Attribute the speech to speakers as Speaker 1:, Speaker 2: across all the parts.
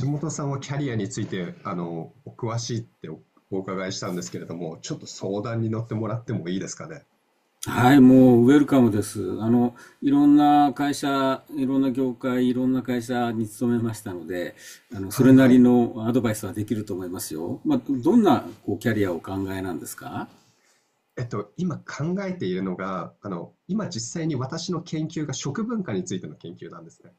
Speaker 1: 橋本さんはキャリアについて、お詳しいってお伺いしたんですけれども、ちょっと相談に乗ってもらってもいいですかね。
Speaker 2: はい、もうウェルカムです。いろんな会社、いろんな業界、いろんな会社に勤めましたので、そ
Speaker 1: はい
Speaker 2: れな
Speaker 1: は
Speaker 2: り
Speaker 1: い。
Speaker 2: のアドバイスはできると思いますよ。まあ、どんなこうキャリアをお考えなんですか？
Speaker 1: 今考えているのが、今実際に私の研究が食文化についての研究なんですね。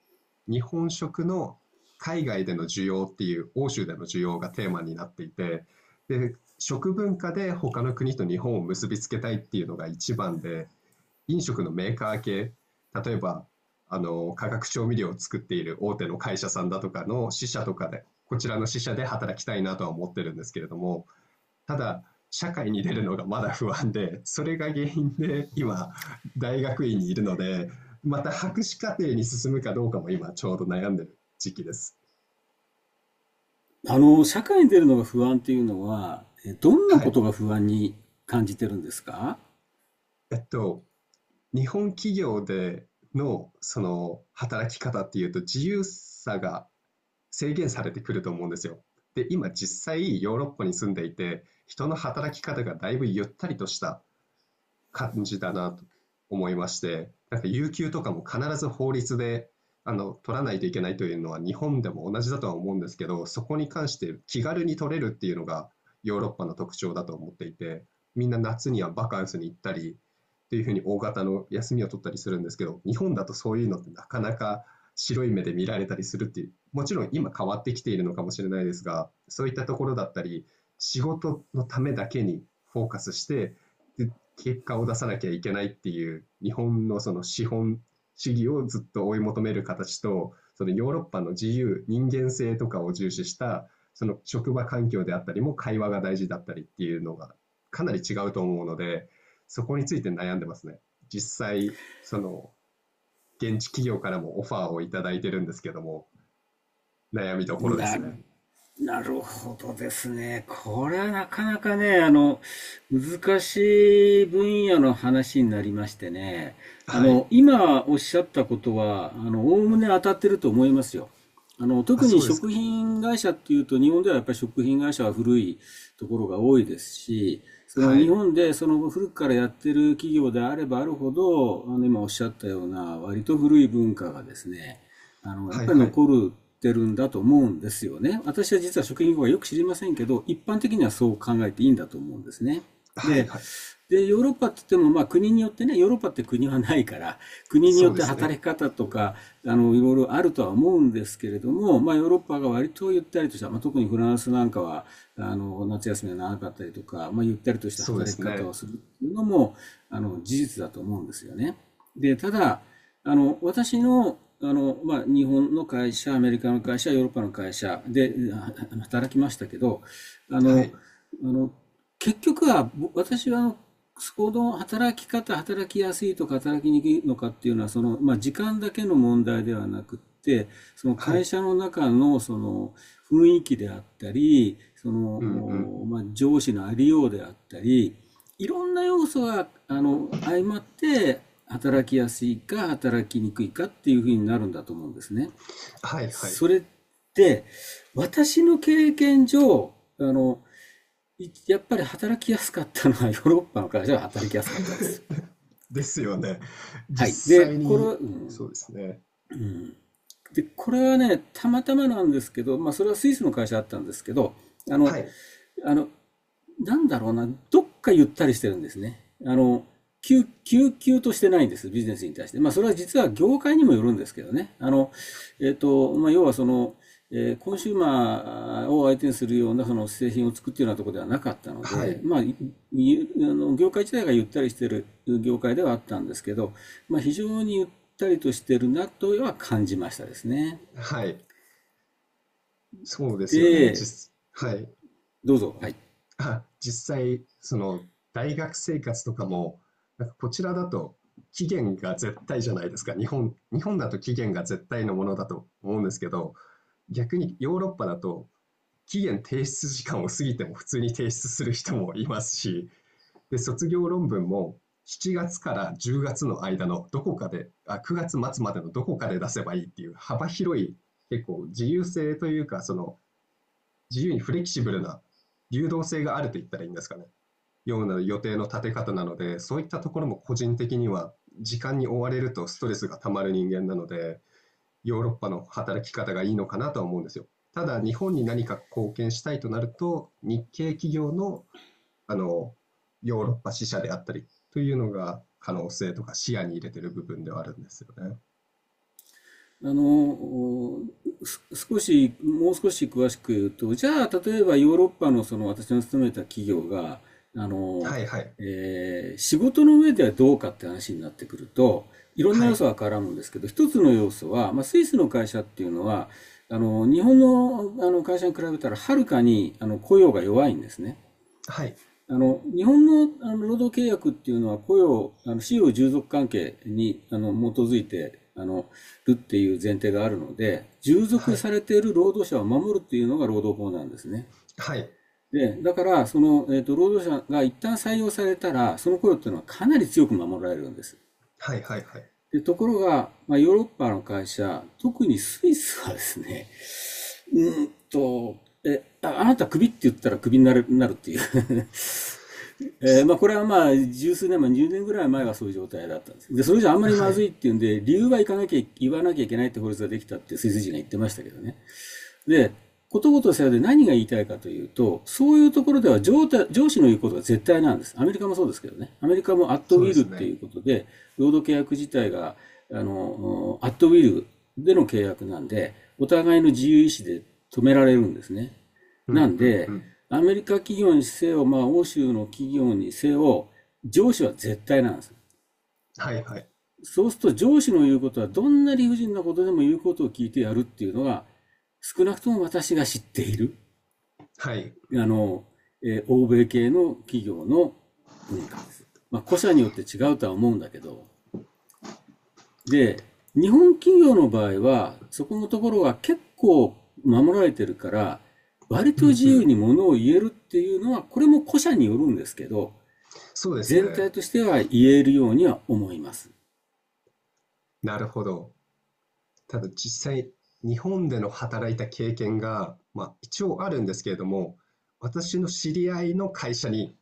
Speaker 1: 日本食の海外での需要っていう、欧州での需要がテーマになっていて、で、食文化で他の国と日本を結びつけたいっていうのが一番で、飲食のメーカー系、例えば、化学調味料を作っている大手の会社さんだとかの支社とかで、こちらの支社で働きたいなとは思ってるんですけれども、ただ、社会に出るのがまだ不安で、それが原因で今、大学院にいるので、また博士課程に進むかどうかも今ちょうど悩んでる時期です。
Speaker 2: 社会に出るのが不安っていうのは、どんな
Speaker 1: は
Speaker 2: こと
Speaker 1: い。
Speaker 2: が不安に感じてるんですか？
Speaker 1: えっと、日本企業でのその働き方っていうと自由さが制限されてくると思うんですよ。で、今実際ヨーロッパに住んでいて、人の働き方がだいぶゆったりとした感じだなと思いまして、なんか有給とかも必ず法律で取らないといけないというのは日本でも同じだとは思うんですけど、そこに関して気軽に取れるっていうのがヨーロッパの特徴だと思っていて、みんな夏にはバカンスに行ったりっていうふうに大型の休みを取ったりするんですけど、日本だとそういうのってなかなか白い目で見られたりするっていう、もちろん今変わってきているのかもしれないですが、そういったところだったり、仕事のためだけにフォーカスして、で結果を出さなきゃいけないっていう日本のその資本主義をずっと追い求める形とそのヨーロッパの自由人間性とかを重視したその職場環境であったりも会話が大事だったりっていうのがかなり違うと思うので、そこについて悩んでますね。実際、その現地企業からもオファーをいただいてるんですけども、悩みどころです
Speaker 2: なる
Speaker 1: ね。
Speaker 2: なるほどですね。これはなかなかね、難しい分野の話になりましてね。
Speaker 1: はい。
Speaker 2: 今おっしゃったことは、おおむね当たってると思いますよ。
Speaker 1: あ、
Speaker 2: 特
Speaker 1: そ
Speaker 2: に
Speaker 1: うですか。
Speaker 2: 食品会社っていうと、日本ではやっぱり食品会社は古いところが多いですし、その
Speaker 1: は
Speaker 2: 日
Speaker 1: い
Speaker 2: 本でその古くからやってる企業であればあるほど、今おっしゃったような割と古い文化がですね、や
Speaker 1: は
Speaker 2: っ
Speaker 1: い。
Speaker 2: ぱり
Speaker 1: はい。
Speaker 2: 残るってるんだと思うんですよね。私は実は食品業はよく知りませんけど、一般的にはそう考えていいんだと思うんですね。
Speaker 1: はい。
Speaker 2: で、
Speaker 1: はい。
Speaker 2: で、ヨーロッパって言っても、まあ国によってね、ヨーロッパって国はないから、国に
Speaker 1: そ
Speaker 2: よ
Speaker 1: う
Speaker 2: っ
Speaker 1: で
Speaker 2: て
Speaker 1: すね。
Speaker 2: 働き方とか、いろいろあるとは思うんですけれども、まあヨーロッパが割とゆったりとした、まあ特にフランスなんかは、夏休みが長かったりとか、まあゆったりとした
Speaker 1: そうで
Speaker 2: 働き
Speaker 1: す
Speaker 2: 方を
Speaker 1: ね。
Speaker 2: するっていうのも、事実だと思うんですよね。で、ただ、私の、まあ、日本の会社、アメリカの会社、ヨーロッパの会社で働きましたけど、あ
Speaker 1: は
Speaker 2: の、
Speaker 1: い
Speaker 2: あの、結局は、私は行の働き方、働きやすいとか働きにくいのかっていうのは、その、まあ、時間だけの問題ではなくって、その
Speaker 1: は
Speaker 2: 会
Speaker 1: い。
Speaker 2: 社の中の、その、雰囲気であったり、そ
Speaker 1: うんうん。
Speaker 2: の、まあ、上司のありようであったり、いろんな要素が、相まって、働きやすいか働きにくいかっていうふうになるんだと思うんですね。
Speaker 1: はいは
Speaker 2: そ
Speaker 1: い。
Speaker 2: れって、私の経験上、やっぱり働きやすかったのは ヨーロッパの会社は働きやすかったです。
Speaker 1: ですよね。
Speaker 2: はい。
Speaker 1: 実
Speaker 2: で、
Speaker 1: 際
Speaker 2: これは、
Speaker 1: に、
Speaker 2: うん、
Speaker 1: そうですね。
Speaker 2: うん。で、これはね、たまたまなんですけど、まあそれはスイスの会社だったんですけど、あ
Speaker 1: は
Speaker 2: の、
Speaker 1: い、
Speaker 2: あの、なんだろうな、どっかゆったりしてるんですね。あの、急としてないんです、ビジネスに対して。まあ、それは実は業界にもよるんですけどね。まあ、要はその、コンシューマーを相手にするようなその製品を作っているようなところではなかったの
Speaker 1: は
Speaker 2: で、
Speaker 1: い、
Speaker 2: あの業界自体がゆったりしている業界ではあったんですけど、まあ、非常にゆったりとしているなとは感じましたですね。
Speaker 1: はい。そうですよね。
Speaker 2: で、
Speaker 1: はい。
Speaker 2: どうぞ。はい。
Speaker 1: あ、実際、その、大学生活とかも、なんかこちらだと期限が絶対じゃないですか。日本だと期限が絶対のものだと思うんですけど、逆にヨーロッパだと、期限提出時間を過ぎても普通に提出する人もいますし、で、卒業論文も7月から10月の間のどこかで、あ、9月末まつまでのどこかで出せばいいっていう幅広い結構自由性というか、その自由にフレキシブルな流動性があると言ったらいいんですかね。ような予定の立て方なので、そういったところも個人的には時間に追われるとストレスがたまる人間なので、ヨーロッパの働き方がいいのかなとは思うんですよ。ただ、日本に何か貢献したいとなると、日系企業のあの、ヨーロッパ支社であったりというのが可能性とか視野に入れてる部分ではあるんですよね。
Speaker 2: あの、少し、もう少し詳しく言うと、じゃあ、例えばヨーロッパのその私の勤めた企業が、あの、
Speaker 1: はいはい。
Speaker 2: 仕事の上ではどうかって話になってくると、いろんな
Speaker 1: は
Speaker 2: 要
Speaker 1: い。
Speaker 2: 素が絡むんですけど、一つの要素は、まあ、スイスの会社っていうのは、日本の、あの会社に比べたらはるかにあの雇用が弱いんですね。
Speaker 1: はい。
Speaker 2: 日本のあの労働契約っていうのは雇用、使用従属関係に、基づいて、るっていう前提があるので、従
Speaker 1: は
Speaker 2: 属
Speaker 1: い。
Speaker 2: されている労働者を守るっていうのが労働法なんですね。
Speaker 1: はい。
Speaker 2: で、だから、その、労働者が一旦採用されたら、その雇用っていうのはかなり強く守られるんです。
Speaker 1: はいはいはい。
Speaker 2: で、ところが、まあ、ヨーロッパの会社、特にスイスはですね、うんと、あなたクビって言ったらクビになる、なるっていうまあ、これはまあ十数年前、20年ぐらい前はそういう状態だったんです。で、それじゃあんまり
Speaker 1: は
Speaker 2: まずい
Speaker 1: い。
Speaker 2: っていうんで、理由は行かなきゃ、言わなきゃいけないって法律ができたって、スイス人が言ってましたけどね。で、ことごとさようで何が言いたいかというと、そういうところでは上司の言うことが絶対なんです。アメリカもそうですけどね。アメリカもアットウ
Speaker 1: そうで
Speaker 2: ィルっ
Speaker 1: す
Speaker 2: てい
Speaker 1: ね。
Speaker 2: うことで、労働契約自体が、アットウィルでの契約なんで、お互いの自由意志で止められるんですね。
Speaker 1: うんう
Speaker 2: なん
Speaker 1: んう
Speaker 2: で、
Speaker 1: ん。
Speaker 2: アメリカ企業にせよ、まあ、欧州の企業にせよ、上司は絶対なんです。
Speaker 1: はいはい。
Speaker 2: そうすると上司の言うことはどんな理不尽なことでも言うことを聞いてやるっていうのが少なくとも私が知っている
Speaker 1: はい。
Speaker 2: あの、欧米系の企業の文化です。まあ、個社によって違うとは思うんだけど。で、日本企業の場合はそこのところが結構守られてるから割
Speaker 1: う
Speaker 2: と
Speaker 1: ん
Speaker 2: 自
Speaker 1: う
Speaker 2: 由
Speaker 1: ん。
Speaker 2: にものを言えるっていうのはこれも個社によるんですけど
Speaker 1: そうです
Speaker 2: 全
Speaker 1: ね。
Speaker 2: 体としては言えるようには思います。
Speaker 1: なるほど。ただ実際、日本での働いた経験が、まあ、一応あるんですけれども、私の知り合いの会社に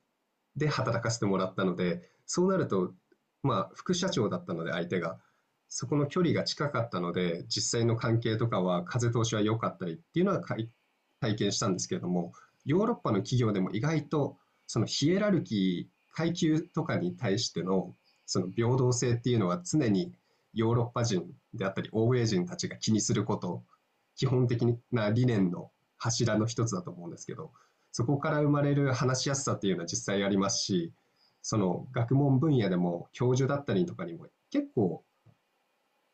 Speaker 1: で働かせてもらったので、そうなると、まあ、副社長だったので、相手が、そこの距離が近かったので、実際の関係とかは風通しは良かったりっていうのはかい体験したんですけれども、ヨーロッパの企業でも意外と、そのヒエラルキー、階級とかに対しての、その平等性っていうのは常にヨーロッパ人であったり、欧米人たちが気にすること、基本的な理念の柱の一つだと思うんですけど、そこから生まれる話しやすさっていうのは実際ありますし、その学問分野でも教授だったりとかにも結構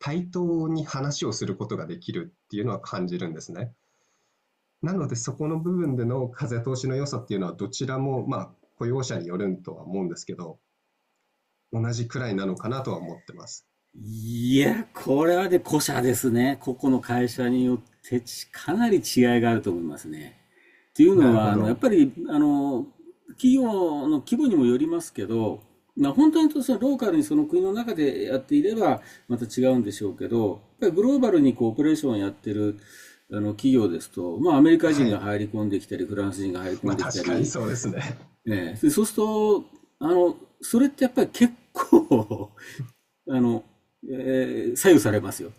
Speaker 1: 対等に話をすることができるっていうのは感じるんですね。なのでそこの部分での風通しの良さっていうのはどちらもまあ雇用者によるとは思うんですけど、同じくらいなのかなとは思ってます。
Speaker 2: いや、これはね、個社ですね。個々の会社によってかなり違いがあると思いますね。っていう
Speaker 1: な
Speaker 2: の
Speaker 1: るほ
Speaker 2: は、やっ
Speaker 1: ど。
Speaker 2: ぱり、企業の規模にもよりますけど、まあ、本当にとそのローカルにその国の中でやっていれば、また違うんでしょうけど、やっぱりグローバルにこうオペレーションをやってる、企業ですと、まあ、アメリカ
Speaker 1: は
Speaker 2: 人が
Speaker 1: い。
Speaker 2: 入り込んできたり、フランス人が入り 込
Speaker 1: まあ
Speaker 2: んでき
Speaker 1: 確
Speaker 2: た
Speaker 1: かに
Speaker 2: り、
Speaker 1: そうですね。
Speaker 2: ね、でそうすると、あの、それってやっぱり結構あの、左右されますよ。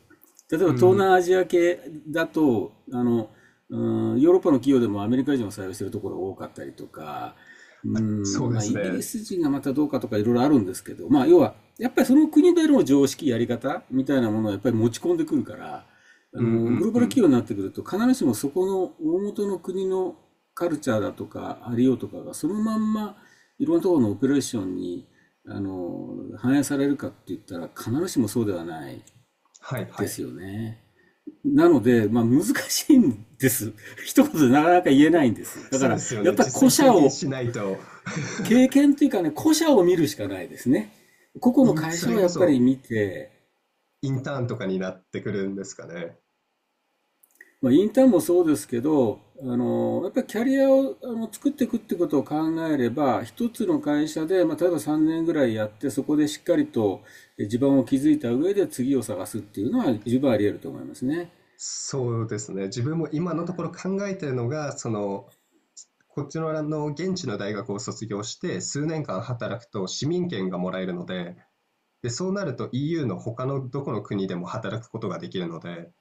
Speaker 2: 例えば
Speaker 1: う
Speaker 2: 東
Speaker 1: ん。
Speaker 2: 南アジア系だと、ヨーロッパの企業でもアメリカ人を採用しているところが多かったりとか、う
Speaker 1: まあ、そう
Speaker 2: ん、
Speaker 1: で
Speaker 2: まあ、
Speaker 1: す
Speaker 2: イギリ
Speaker 1: ね。
Speaker 2: ス人がまたどうかとかいろいろあるんですけど、まあ、要は、やっぱりその国での常識、やり方みたいなものをやっぱり持ち込んでくるから、
Speaker 1: うんう
Speaker 2: グ
Speaker 1: ん
Speaker 2: ローバ
Speaker 1: う
Speaker 2: ル企
Speaker 1: ん。
Speaker 2: 業になってくると、必ずしもそこの大元の国のカルチャーだとか、ありようとかが、そのまんま、いろんなところのオペレーションに、反映されるかって言ったら必ずしもそうではない
Speaker 1: はいは
Speaker 2: で
Speaker 1: い。
Speaker 2: すよね。なので、まあ難しいんです。一言でなかなか言えないんです。だ
Speaker 1: そ
Speaker 2: か
Speaker 1: うで
Speaker 2: ら、
Speaker 1: すよ
Speaker 2: やっ
Speaker 1: ね。
Speaker 2: ぱり
Speaker 1: 実
Speaker 2: 個
Speaker 1: 際
Speaker 2: 社
Speaker 1: 経験
Speaker 2: を、
Speaker 1: しないと
Speaker 2: 経験というかね、個社を見るしかないですね。個 々の会
Speaker 1: そ
Speaker 2: 社
Speaker 1: れ
Speaker 2: を
Speaker 1: こ
Speaker 2: やっぱり
Speaker 1: そ
Speaker 2: 見て、
Speaker 1: インターンとかになってくるんですかね。
Speaker 2: まあ、インターンもそうですけど、やっぱりキャリアをあの作っていくってことを考えれば、一つの会社で、まあ、例えば3年ぐらいやって、そこでしっかりと地盤を築いた上で次を探すっていうのは十分あり得ると思いますね。
Speaker 1: そうですね。自分も今のところ考えてるのが、こっちの現地の大学を卒業して数年間働くと市民権がもらえるので、で、そうなると EU の他のどこの国でも働くことができるので、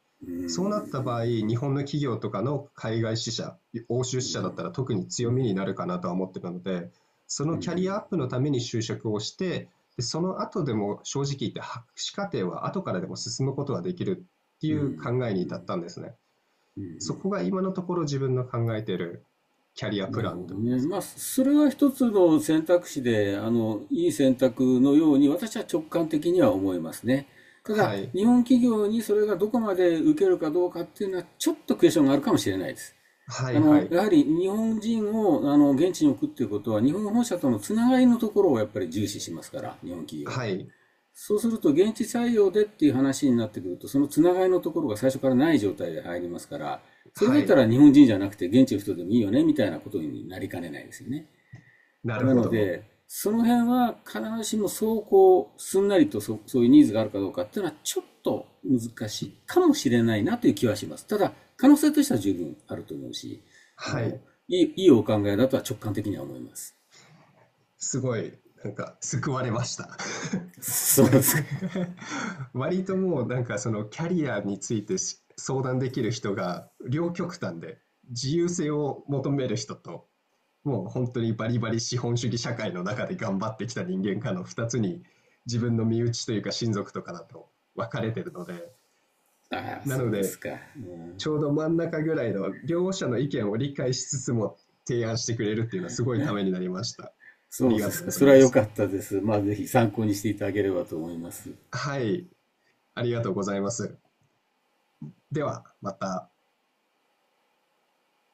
Speaker 1: そうなった場合、日本の企業とかの海外支社、欧州支社だったら特に強みになるかなとは思ってるので、そのキャリアアップのために就職をして、でその後でも正直言って博士課程は後からでも進むことができるってい
Speaker 2: う
Speaker 1: う
Speaker 2: ん。
Speaker 1: 考えに至ったんですね。そこが今のところ自分の考えているキャリアプ
Speaker 2: なる
Speaker 1: ラン
Speaker 2: ほ
Speaker 1: と
Speaker 2: ど
Speaker 1: いいま
Speaker 2: ね。
Speaker 1: す
Speaker 2: まあ、
Speaker 1: か。
Speaker 2: それは一つの選択肢で、いい選択のように私は直感的には思いますね。た
Speaker 1: は
Speaker 2: だ、
Speaker 1: い。
Speaker 2: 日本企業にそれがどこまで受けるかどうかっていうのは、ちょっとクエスチョンがあるかもしれないです。
Speaker 1: はいはい。
Speaker 2: やはり日本人を、現地に置くっていうことは、日本本社とのつながりのところをやっぱり重視しますから、日本企業は。
Speaker 1: はい。
Speaker 2: そうすると、現地採用でっていう話になってくると、そのつながりのところが最初からない状態で入りますから、それ
Speaker 1: は
Speaker 2: だった
Speaker 1: い。
Speaker 2: ら日本人じゃなくて現地の人でもいいよね、みたいなことになりかねないですよね。
Speaker 1: なる
Speaker 2: な
Speaker 1: ほ
Speaker 2: の
Speaker 1: ど。
Speaker 2: で、その辺は必ずしもすんなりとそういうニーズがあるかどうかっていうのはちょっと難しいかもしれないなという気はします。ただ、可能性としては十分あると思うし、あ
Speaker 1: は
Speaker 2: の、
Speaker 1: い。
Speaker 2: いいお考えだとは直感的には思います。
Speaker 1: すごい、なんか、救われました。
Speaker 2: そうですか。
Speaker 1: 割ともう、なんか、その、キャリアについて相談できる人が、両極端で、自由性を求める人と、もう本当にバリバリ資本主義社会の中で頑張ってきた人間かの2つに、自分の身内というか親族とかだと分かれてるので、
Speaker 2: ああ、
Speaker 1: な
Speaker 2: そ
Speaker 1: の
Speaker 2: うで
Speaker 1: で、
Speaker 2: すか。うん、
Speaker 1: ちょうど真ん中ぐらいの両者の意見を理解しつつも提案してくれるっていうのはすごいためになりました。
Speaker 2: そ
Speaker 1: あ
Speaker 2: うで
Speaker 1: りがと
Speaker 2: す
Speaker 1: うご
Speaker 2: か。
Speaker 1: ざ
Speaker 2: そ
Speaker 1: い
Speaker 2: れは
Speaker 1: ま
Speaker 2: 良
Speaker 1: す。
Speaker 2: かったです。まあ、ぜひ参考にしていただければと思います。
Speaker 1: はい、ありがとうございます。では、また。